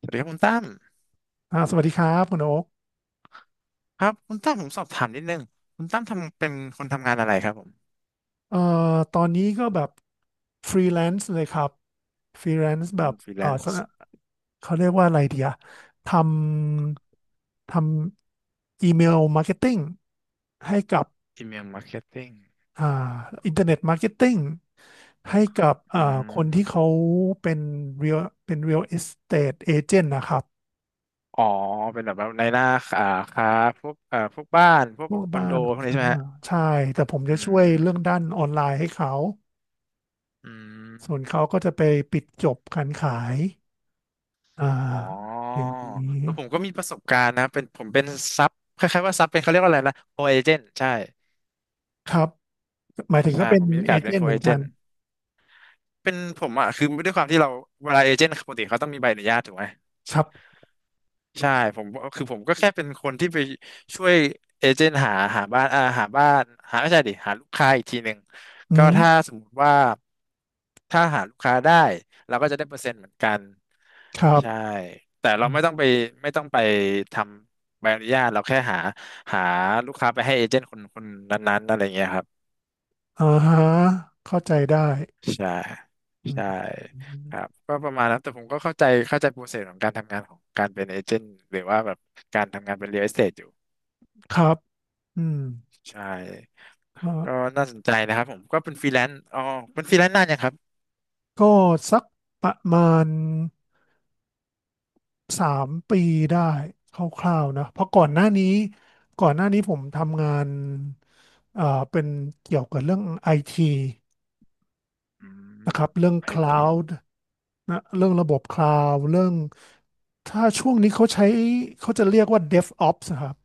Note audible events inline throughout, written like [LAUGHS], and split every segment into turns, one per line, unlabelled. สวัสดีครับคุณตั้ม
สวัสดีครับคุณโอ๊ก
ครับคุณตั้มผมสอบถามนิดนึงคุณตั้มทำเป็นคนทำงานอะไรครับผม
เอ่อตอนนี้ก็แบบฟรีแลนซ์เลยครับฟรีแลนซ์แบบ
ฟรีแลน
สน
ซ์
เขาเรียกว่าอะไรเดียทำทำอีเมลมาร์เก็ตติ้งให้กับ
อีเมลมาร์เก็ตติ้ง
อ่าอินเทอร์เน็ตมาร์เก็ตติ้งให้กับ
อืม
คนที่เขาเป็นเรียลเป็นเรียลเอสเตทเอเจนต์นะครับ
อ๋อเป็นแบบว่าในหน้าอ่าค้าพวกพวกบ้านพว
พ
ก
วก
คอน
บ้า
โด
น
พวกนี้ใช่ไหมฮะ
ใช่แต่ผมจะ
อื
ช่วย
ม
เรื่องด้านออนไลน์ให้เขา
อืม
ส่วนเขาก็จะไปปิดจบการขาย อ่า
อ๋อ
อย่างนี้
แล้วผมก็มีประสบการณ์นะเป็นผมเป็นซับคล้ายๆว่าซับเป็นเขาเรียกว่าอะไรนะโคเอเจนต์ใช่
ครับ หมายถึง
ใช่
ก็เป็
ผ
น
มมีโอ
เอ
กาสเป็
เจ
น
น
โค
ต์เหมื
เอ
อน
เจ
กั
น
น
ต์เป็นผมอ่ะคือด้วยความที่เราเวลาเอเจนต์ปกติเขาต้องมีใบอนุญาตถูกไหม
ครับ
ใช่ผมคือผมก็แค่เป็นคนที่ไปช่วยเอเจนต์หาบ้านหาบ้านหาไม่ใช่ดิหาลูกค้าอีกทีหนึ่ง
อื
ก็
ม
ถ้าสมมติว่าถ้าหาลูกค้าได้เราก็จะได้เปอร์เซ็นต์เหมือนกัน
ครับ
ใช่แต่เรา
อื
ไม่ต้อง
ม
ไปไม่ต้องไปทำใบอนุญาตเราแค่หาลูกค้าไปให้เอเจนต์คนคนนั้นๆอะไรเงี้ยครับ
อ่าฮะเข้าใจได้
ใช่
อืม
ใช่ครับก็ประมาณนั้นแต่ผมก็เข้าใจโปรเซสของการทำงานของการเป็นเอเจนต์หรือว่าแบบการทำงานเป็นเรียลเอสเตทอยู่
ครับอืม
ใช่
ก็
ก็น่าสนใจนะครับผมก็เป็นฟรีแลนซ์อ๋อเป็นฟรีแลนซ์นานยังครับ
ก็สักประมาณ3 ปีได้คร่าวๆนะ เพราะก่อนหน้านี้ ก่อนหน้านี้ผมทำงานเอ่อเป็นเกี่ยวกับเรื่องไอที
อืม
นะครับเรื่อง
ไอที
Cloud นะเรื่องระบบ Cloud เรื่องถ้าช่วงนี้เขาใช้เขาจะเรียกว่า DevOps นะครับ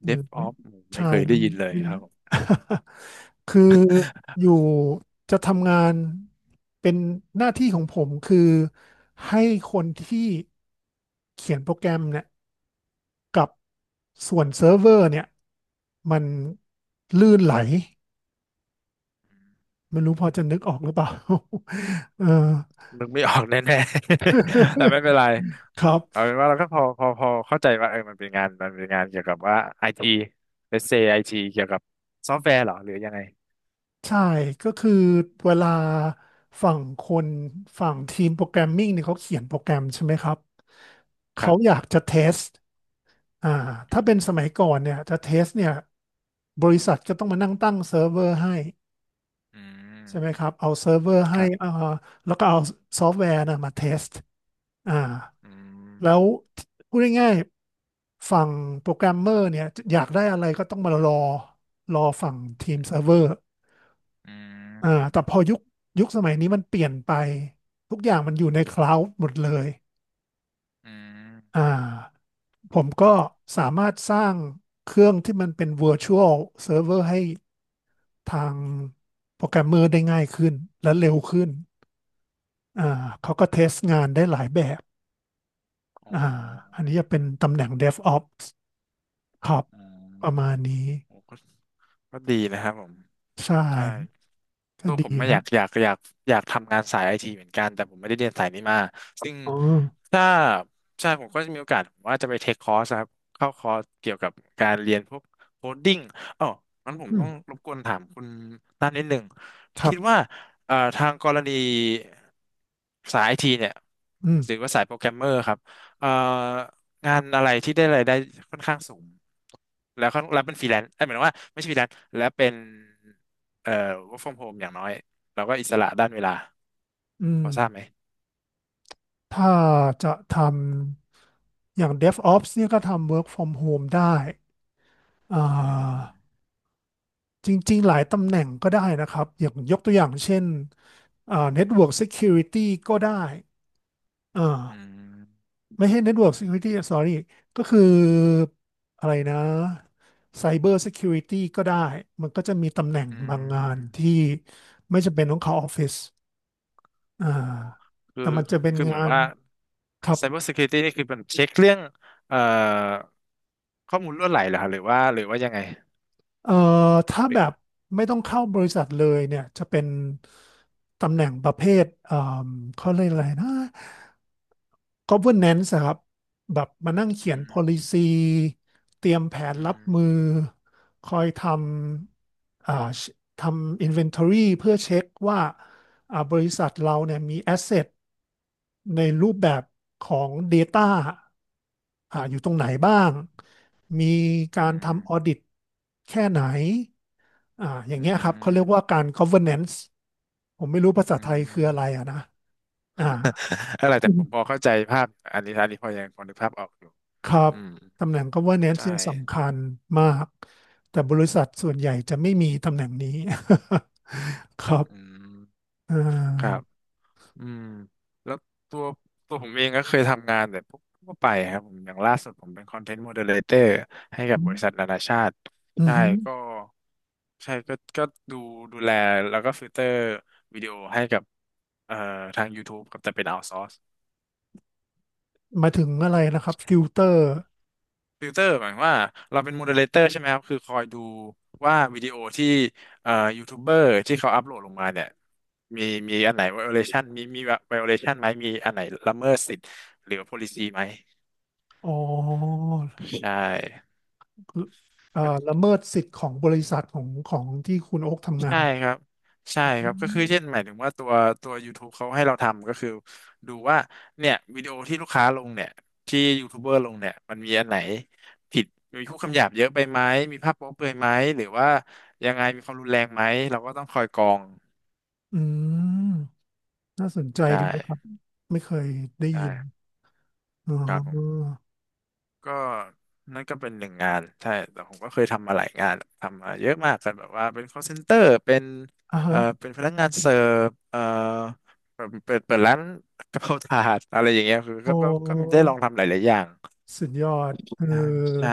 เอื
เดฟอ
ไม่
อฟไม่
ใช่
เคย
[LAUGHS]
ได้
ไม่
ยินเลย
ไม่
ครับผม
[LAUGHS] คืออยู่จะทำงานเป็นหน้าที่ของผมคือให้คนที่เขียนโปรแกรมเนี่ยกับส่วนเซิร์ฟเวอร์เนี่ยมันลื่นไหลไม่รู้พอจะนึกออกหรือเปล่า [LAUGHS] เออ
นึกไม่ออกแน่ๆ [LAUGHS] แต่ไม่เป็นไร
[LAUGHS] ครับ
เอาเป็นว่าเราก็พอเข้าใจว่าเออมันเป็นงานมันเป็นงานเกี่ยวกับว่าไอทีเลสเซไอทีเกี่ยวกับซอฟต์แวร์เหรอหรือยังไง
ใช่ก็คือเวลาฝั่งคนฝั่งทีมโปรแกรมมิ่งเนี่ยเขาเขียนโปรแกรมใช่ไหมครับ
ค
เขา
รั
อ
บ
ยากจะเทสอ่าถ้าเป็นสมัยก่อนเนี่ยจะเทสเนี่ยบริษัทก็ต้องมานั่งตั้งเซิร์ฟเวอร์ให้
อืม
ใช่ไหมครับเอาเซิร์ฟเวอร์
ค
ให้
รับ
แล้วก็เอาซอฟต์แวร์นะมาเทสอ่า
อืม
แล้วพูดง่ายๆฝั่งโปรแกรมเมอร์เนี่ยอยากได้อะไรก็ต้องมารอรอฝั่งทีมเซิร์
อ
ฟเวอร์
ื
แต่
ม
พอยุคยุคสมัยนี้มันเปลี่ยนไปทุกอย่างมันอยู่ในคลาวด์หมดเลย
อื
อ่า
ม
ผมก็สามารถสร้างเครื่องที่มันเป็น virtual server ให้ทางโปรแกรมเมอร์ได้ง่ายขึ้นและเร็วขึ้นอ่าเขาก็เทสงานได้หลายแบบ
อ๋
อ่าอั
อ
นนี้จะเป็นตำแหน่ง DevOps ครับ
อืม
ประมาณนี้
โอ้ก็ดีนะครับผม
ใช่
ใช่
ก็
ตัว
ดี
ผมไม่
ค
อ
รั
ยา
บ
กอยากอยากอยากทำงานสายไอทีเหมือนกันแต่ผมไม่ได้เรียนสายนี้มาซึ่ง
อ๋อ
ถ้าใช่ผมก็จะมีโอกาสผมว่าจะไปเทคคอร์สครับเข้าคอร์สเกี่ยวกับการเรียนพวกโคดดิ้งอ๋องั้นผม
อืม
ต้องรบกวนถามคุณด้านนิดหนึ่ง
ครั
คิด
บ
ว่าทางกรณีสายไอทีเนี่ย
อืม
หรือว่าสายโปรแกรมเมอร์ครับเอ่องานอะไรที่ได้รายได้ค่อนข้างสูงแล้วค่อนแล้วเป็นฟรีแลนซ์เอ้ยหมายถึงว่าไม่ใช่ฟรีแลนซ์แล้วเป็น เอ่อ work from home อย่างน้อยเราก็อิสระด้านเวลา
อื
พ
ม
อทราบไหม
ถ้าจะทำ อย่าง DevOps เนี่ยก็ทำ Work from Home ได้อ่า
อืม
จริงๆ หลายตำแหน่งก็ได้นะครับ อย่างยกตัวอย่างเช่นNetwork Security ก็ได้อ่
อื
า
ม
ไม่ใช่ Network Security sorry ก็คืออะไรนะ Cyber Security ก็ได้ มันก็จะมีตำแหน่ง
อื
บางงาน
ม
ที่ไม่จำเป็นต้องเข้าออฟฟิศอ่า
อ๋อคือ
แต่มันจะเป็น
คือเหมื
งา
อน
น
ว่า
ครับ
Cyber Security นี่คือเป็นเช็คเรื่องเอ่อข้อมูลรั่วไหลเหรอครับหรือว่าหรือว่ายังไง
เอ่อถ้า
หรื
แบ
อ
บไม่ต้องเข้าบริษัทเลยเนี่ยจะเป็นตำแหน่งประเภทเอ่มเขาเรียกอะไรนะ governance อะครับแบบมานั่งเขีย
อื
น
ม
policy เตรียมแผน
อื
รับ
ม
มือคอยทำทำ inventory เพื่อเช็คว่าบริษัทเราเนี่ยมี asset ในรูปแบบของ Data อยู่ตรงไหนบ้างมี
อื
การ
ม
ทำ Audit แค่ไหน อย่าง
อื
เงี้ยครับเขาเรียกว่า
ม
การ governance ผมไม่รู้ภาษา
อื
ไทยคือ
ม
อะไรอะนะอ่า
[LAUGHS] อะไรแต่ผมพอเข้าใจภาพอันนี้อันนี้พอยังพอนึกภาพออกอยู่
ครับ
อืม
ตำแหน่ง governance
ใช่
เนี่ยสำคัญมากแต่บริษัทส่วนใหญ่จะไม่มีตำแหน่งนี้ [LAUGHS] ครับ
อืม
อ่
ครั
า
บ อืมแล้วตัวตัวผมเองก็เคยทำงานแบบพวกทั่วไปครับผมอย่างล่าสุดผมเป็นคอนเทนต์โมเดเลเตอร์ให้กับบริษั
อ
ทนานาชาติ
ือ
ใช่
หือ
ก็ใช่ก็ดูดูแลแล้วก็ฟิลเตอร์วิดีโอให้กับเอ่อทาง YouTube กับแต่เป็นเอา s o ซอร์
มาถึงอะไรนะครับติวเตอร์
ฟิลเตอร์หมายความว่าเราเป็นโมเดเลเตอร์ใช่ไหมครับคือคอยดูว่าวิดีโอที่เอ่อยูทูบเบอร์ที่เขาอัพโหลดลงมาเนี่ยมีมีอันไหน violation มี violation ไหมมีอันไหนละเมิดสิทธิ์หรือ policy ไหม
อ๋อ
ใช่
คืออ่าละเมิดสิทธิ์ของบริษัทของของที่คุณโอ๊คทำงา
ใช่
น
ครับใช่ค
อื
รับก็คือเช่
ม
นหมายถึงว่าตัว YouTube เขาให้เราทำก็คือดูว่าเนี่ยวิดีโอที่ลูกค้าลงเนี่ยที่ยูทูบเบอร์ลงเนี่ยมันมีอันไหนผิดมีพูดคำหยาบเยอะไปไหมมีภาพโป๊เปลือยไหมหรือว่ายังไงมีความรุนแรงไหมเราก็ต้องคอยกรอง
อืมน่าสนใจ
ใช่
ดีนะครับไม่เคยได้ยิน
ใช่
อ๋
ครับผม
อ
ก็นั่นก็เป็นหนึ่งงานใช่แต่ผมก็เคยทำมาหลายงานทำมาเยอะมากกันแบบว่าเป็น call center เป็น
อ่าฮะ
เป็นพนักงานเสิร์ฟเปิดร้านกะเพราถาดอะไรอย่างเงี้ยคือก็
โอ้
ก็ก็ได้ลองทำหลายๆอย่าง
สุดยอดเอ
อ่าใช่
อ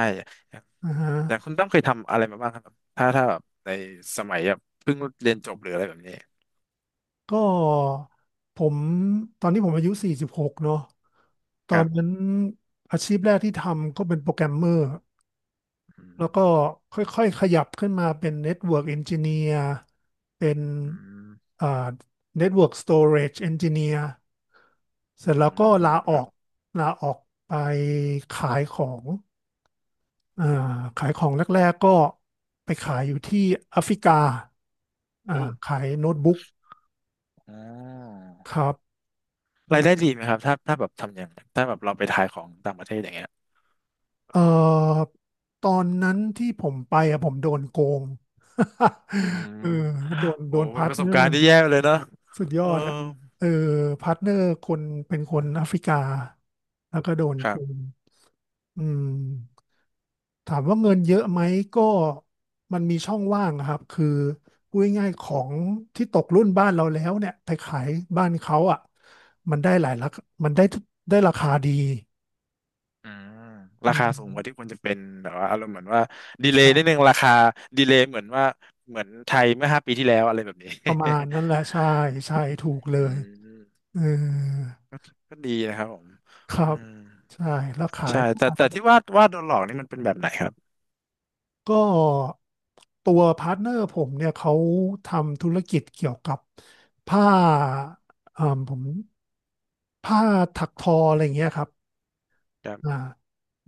อ่าฮะ
แต่คุณต้องเคยทำอะไรมาบ้างครับถ้าถ้าแบบในสมัยแบบเพิ่งเรียนจบหรืออะไรแบบนี้
ก็ผมตอนนี้ผมอายุ46เนาะตอ
ครั
น
บ
นั้นอาชีพแรกที่ทำก็เป็นโปรแกรมเมอร์
อื
แล้วก็
ม
ค่อยๆขยับขึ้นมาเป็นเน็ตเวิร์กเอนจิเนียร์เป็น
อืม
อ่าเน็ตเวิร์กสโตเรจเอนจิเนียร์เสร็จ
อื
แล้วก็
ม
ลาอ
ค
อ
รับ
กลาออกไปขายของอ่าขายของแรกๆก็ไปขายอยู่ที่แอฟริกา อ่า
โอ้
ขายโน้ตบุ๊ก
อ๋อ
ครับ
รายได้
อ่า
ดีไหมครับถ้าถ้าแบบทำอย่างถ้าแบบเราไปขายของต่างประเทศอย่างเงี้ย
เอ่อตอนนั้นที่ผมไปอะผมโดนโกง
อืม
[LAUGHS] เออโดน
โอ้
โดน
เป็
พา
น
ร์
ป
ท
ระส
เน
บ
อ
การ
ร์
ณ์ที่แย่เลยเนอะ
สุดยอ
เออ
ดอะเออพาร์ทเนอร์คนเป็นคนแอฟริกาแล้วก็โดน
ค
โก
รับ
งอืมถามว่าเงินเยอะไหมก็มันมีช่องว่างอะครับคือพูดง่ายๆของที่ตกรุ่นบ้านเราแล้วเนี่ยไปขายบ้านเขาอ่ะมันได้หลายราคามันได้ได้ราคาดี
อืม
อื
ราคาสูงกว่าที่ค
ม
วรจะเป็นแบบว่าอารมณ์เหมือนว่าดีเลย์นิดนึ
ใช่
งราคาดีเลย์เหมือนว่าเหมือนไทยเมื่อ5 ปีที่แล้วอะไรแบบนี้
ประมาณนั้นแหละใช่ใช่ถูกเล
[LAUGHS] อื
ย
ม
เออ
ก็ดีนะครับผม
ครั
อื
บ
ม
ใช่แล้วขาย
ใช่แต่ที่ว่าโดนหลอกนี่มันเป็นแบบไหนครับ
ก็ตัวพาร์ทเนอร์ผมเนี่ยเขาทำธุรกิจเกี่ยวกับผ้าผมผ้าถักทออะไรอย่างเงี้ยครับ
ครั
อ่า
บ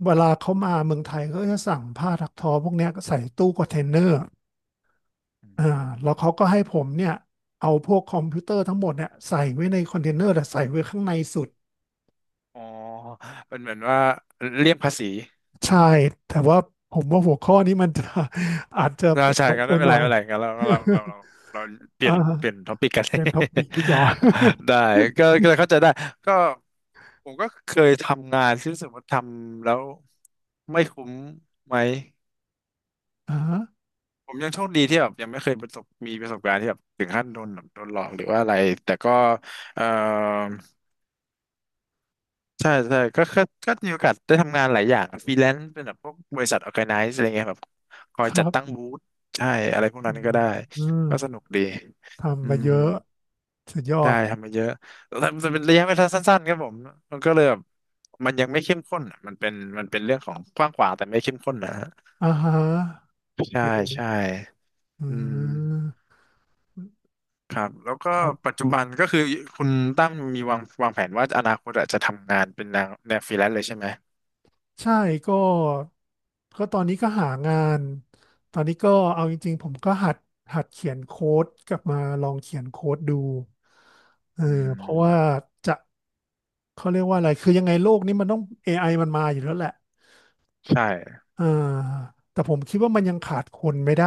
เวลาเขามาเมืองไทยก็จะสั่งผ้าถักทอพวกเนี้ยใส่ตู้คอนเทนเนอร์
อื
อ่าแล้
ม
วเขาก็ให้ผมเนี่ยเอาพวกคอมพิวเตอร์ทั้งหมดเนี่ยใส่ไว้ในคอนเทนเนอร์แต่ใส่ไว้ข้างในสุด
อ๋อเป็นเหมือนว่าเลี่ยงภาษี
ใช่ แต่ว่าผมว่าหัวข้อนี้มันจะ [LAUGHS] อาจจะ
เรา
เป็น
ใช่
ลบ
กัน
ไป
ไม่เป็
ห
น
น่
ไร
อย
ไม่เป็นไรกันเรา
[LAUGHS] ค
เรา
รั
เราเราเราเปลี่
อ่า
ยนเปลี่ยนท็อปิกกัน
[LAUGHS] เปียนท็อปิกดีกว่า
[LAUGHS] ได้ก็เลยเข้าใจได้ก็ผมก็เคยทำงานที่รู้สึกว่าทำแล้วไม่คุ้มไหม
[LAUGHS] อ่า
ผมยังโชคดีที่แบบยังไม่เคยประสบมีประสบการณ์ที่แบบถึงขั้นโดนแบบโดนหลอกหรือว่าอะไรแต่ก็เอ่อ ใช่ใช่ก็มีโอกาสได้ทำงานหลายอย่างฟรีแลนซ์เป็นแบบพวกบริษัทออร์แกไนซ์อะไรเงี้ยแบบคอ
ค
ย
รั
จัดตั้ง
บ
บูธใช่อะไรพวก
อื
นั้นก็
ม
ได้
อืม
ก็สนุกดีอื
ทำมา
ม
เยอะสุดยอ
ได้
ด
ทำมาเยอะแต่แต่เป็นระยะเวลาสั้นๆครับผมมันก็เลยแบบมันยังไม่เข้มข้นอะมันเป็นมันเป็นเรื่องของกว้างขวางแต่ไม่เข้มข้นนะฮะ
อ่าฮะ
ใช่
อื
ใช่
มอื
อืม
ม
ครับแล้วก็
ครับ
ปัจจุบันก็คือคุณตั้มมีวางแผนว่าอนาคตอะจะทำงานเป็นแนวฟรีแลนซ์เลยใช่ไหม
ใช่ก็ก็ตอนนี้ก็หางานตอนนี้ก็เอาจริงๆผมก็หัดหัดเขียนโค้ดกลับมาลองเขียนโค้ดดูเออ
อื
เพราะว่า
ม
จะเขาเรียกว่าอะไรคือยังไงโลกนี้มันต้อง AI มันมาอยู่แล้วแหละ
ใช่
อ่าแต่ผมคิดว่ามันยังขาดคนไม่ได้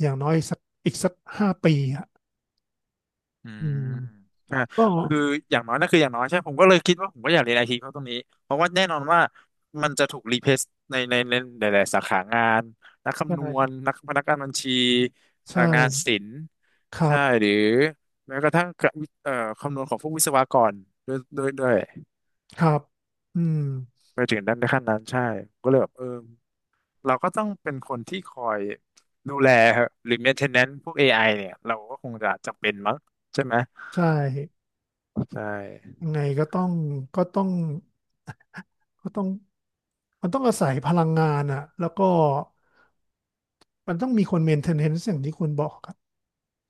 อย่างน้อยสักอีกสัก5 ปีอ่ะ
อื
อื
ม
ม
อ่า
ก็
คืออย่างน้อยนั่นคืออย่างน้อยใช่ผมก็เลยคิดว่าผมก็อยากเรียนไอทีเพราะตรงนี้ เพราะว่าแน่นอนว่ามันจะถูกรีเพลซในหลายๆสาขางานนัก
ใ
คำนวณ
ช่
นักพนักงานบัญชี
ใช่
งานศิลป์
ครั
ใช่
บ
หรือแม้กระทั่งกะวิคำนวณของพวกวิศวกรด้วย
ครับอืม
ไปถึงด้านในขั้นนั้นใช่ผมก็เลยแบบเออเราก็ต้องเป็นคนที่คอยดูแลหรือ maintenance พวกเอไอเนี่ยเราก็คงจะจำเป็นมั้งใช่ไหม
ใช่
ใช่
ยังไงก็ต้องก็ต้อง ก็ต้องมันต้องอาศัยพลังงานอะแล้วก็มันต้องมีคนเมนเทนแนนซ์อย่างที่คุณบอกครับ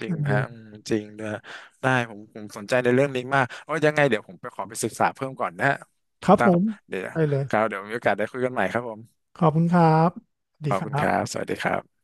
จ
เอ
ริง
อ
ฮะอืมจริงนะได้ผมผมสนใจในเรื่องนี้มากโอ้ยยังไงเดี๋ยวผมไปขอไปศึกษาเพิ่มก่อนนะฮะ
ค
คุ
รั
ณ
บผ
ตั้ม
ม
เดี๋ยว
ได้เลย
ครับเดี๋ยวมีโอกาสได้คุยกันใหม่ครับผม
ขอบคุณครับสวัส
ข
ดี
อบ
ค
คุ
รั
ณครั
บ
บสวัสดีครับ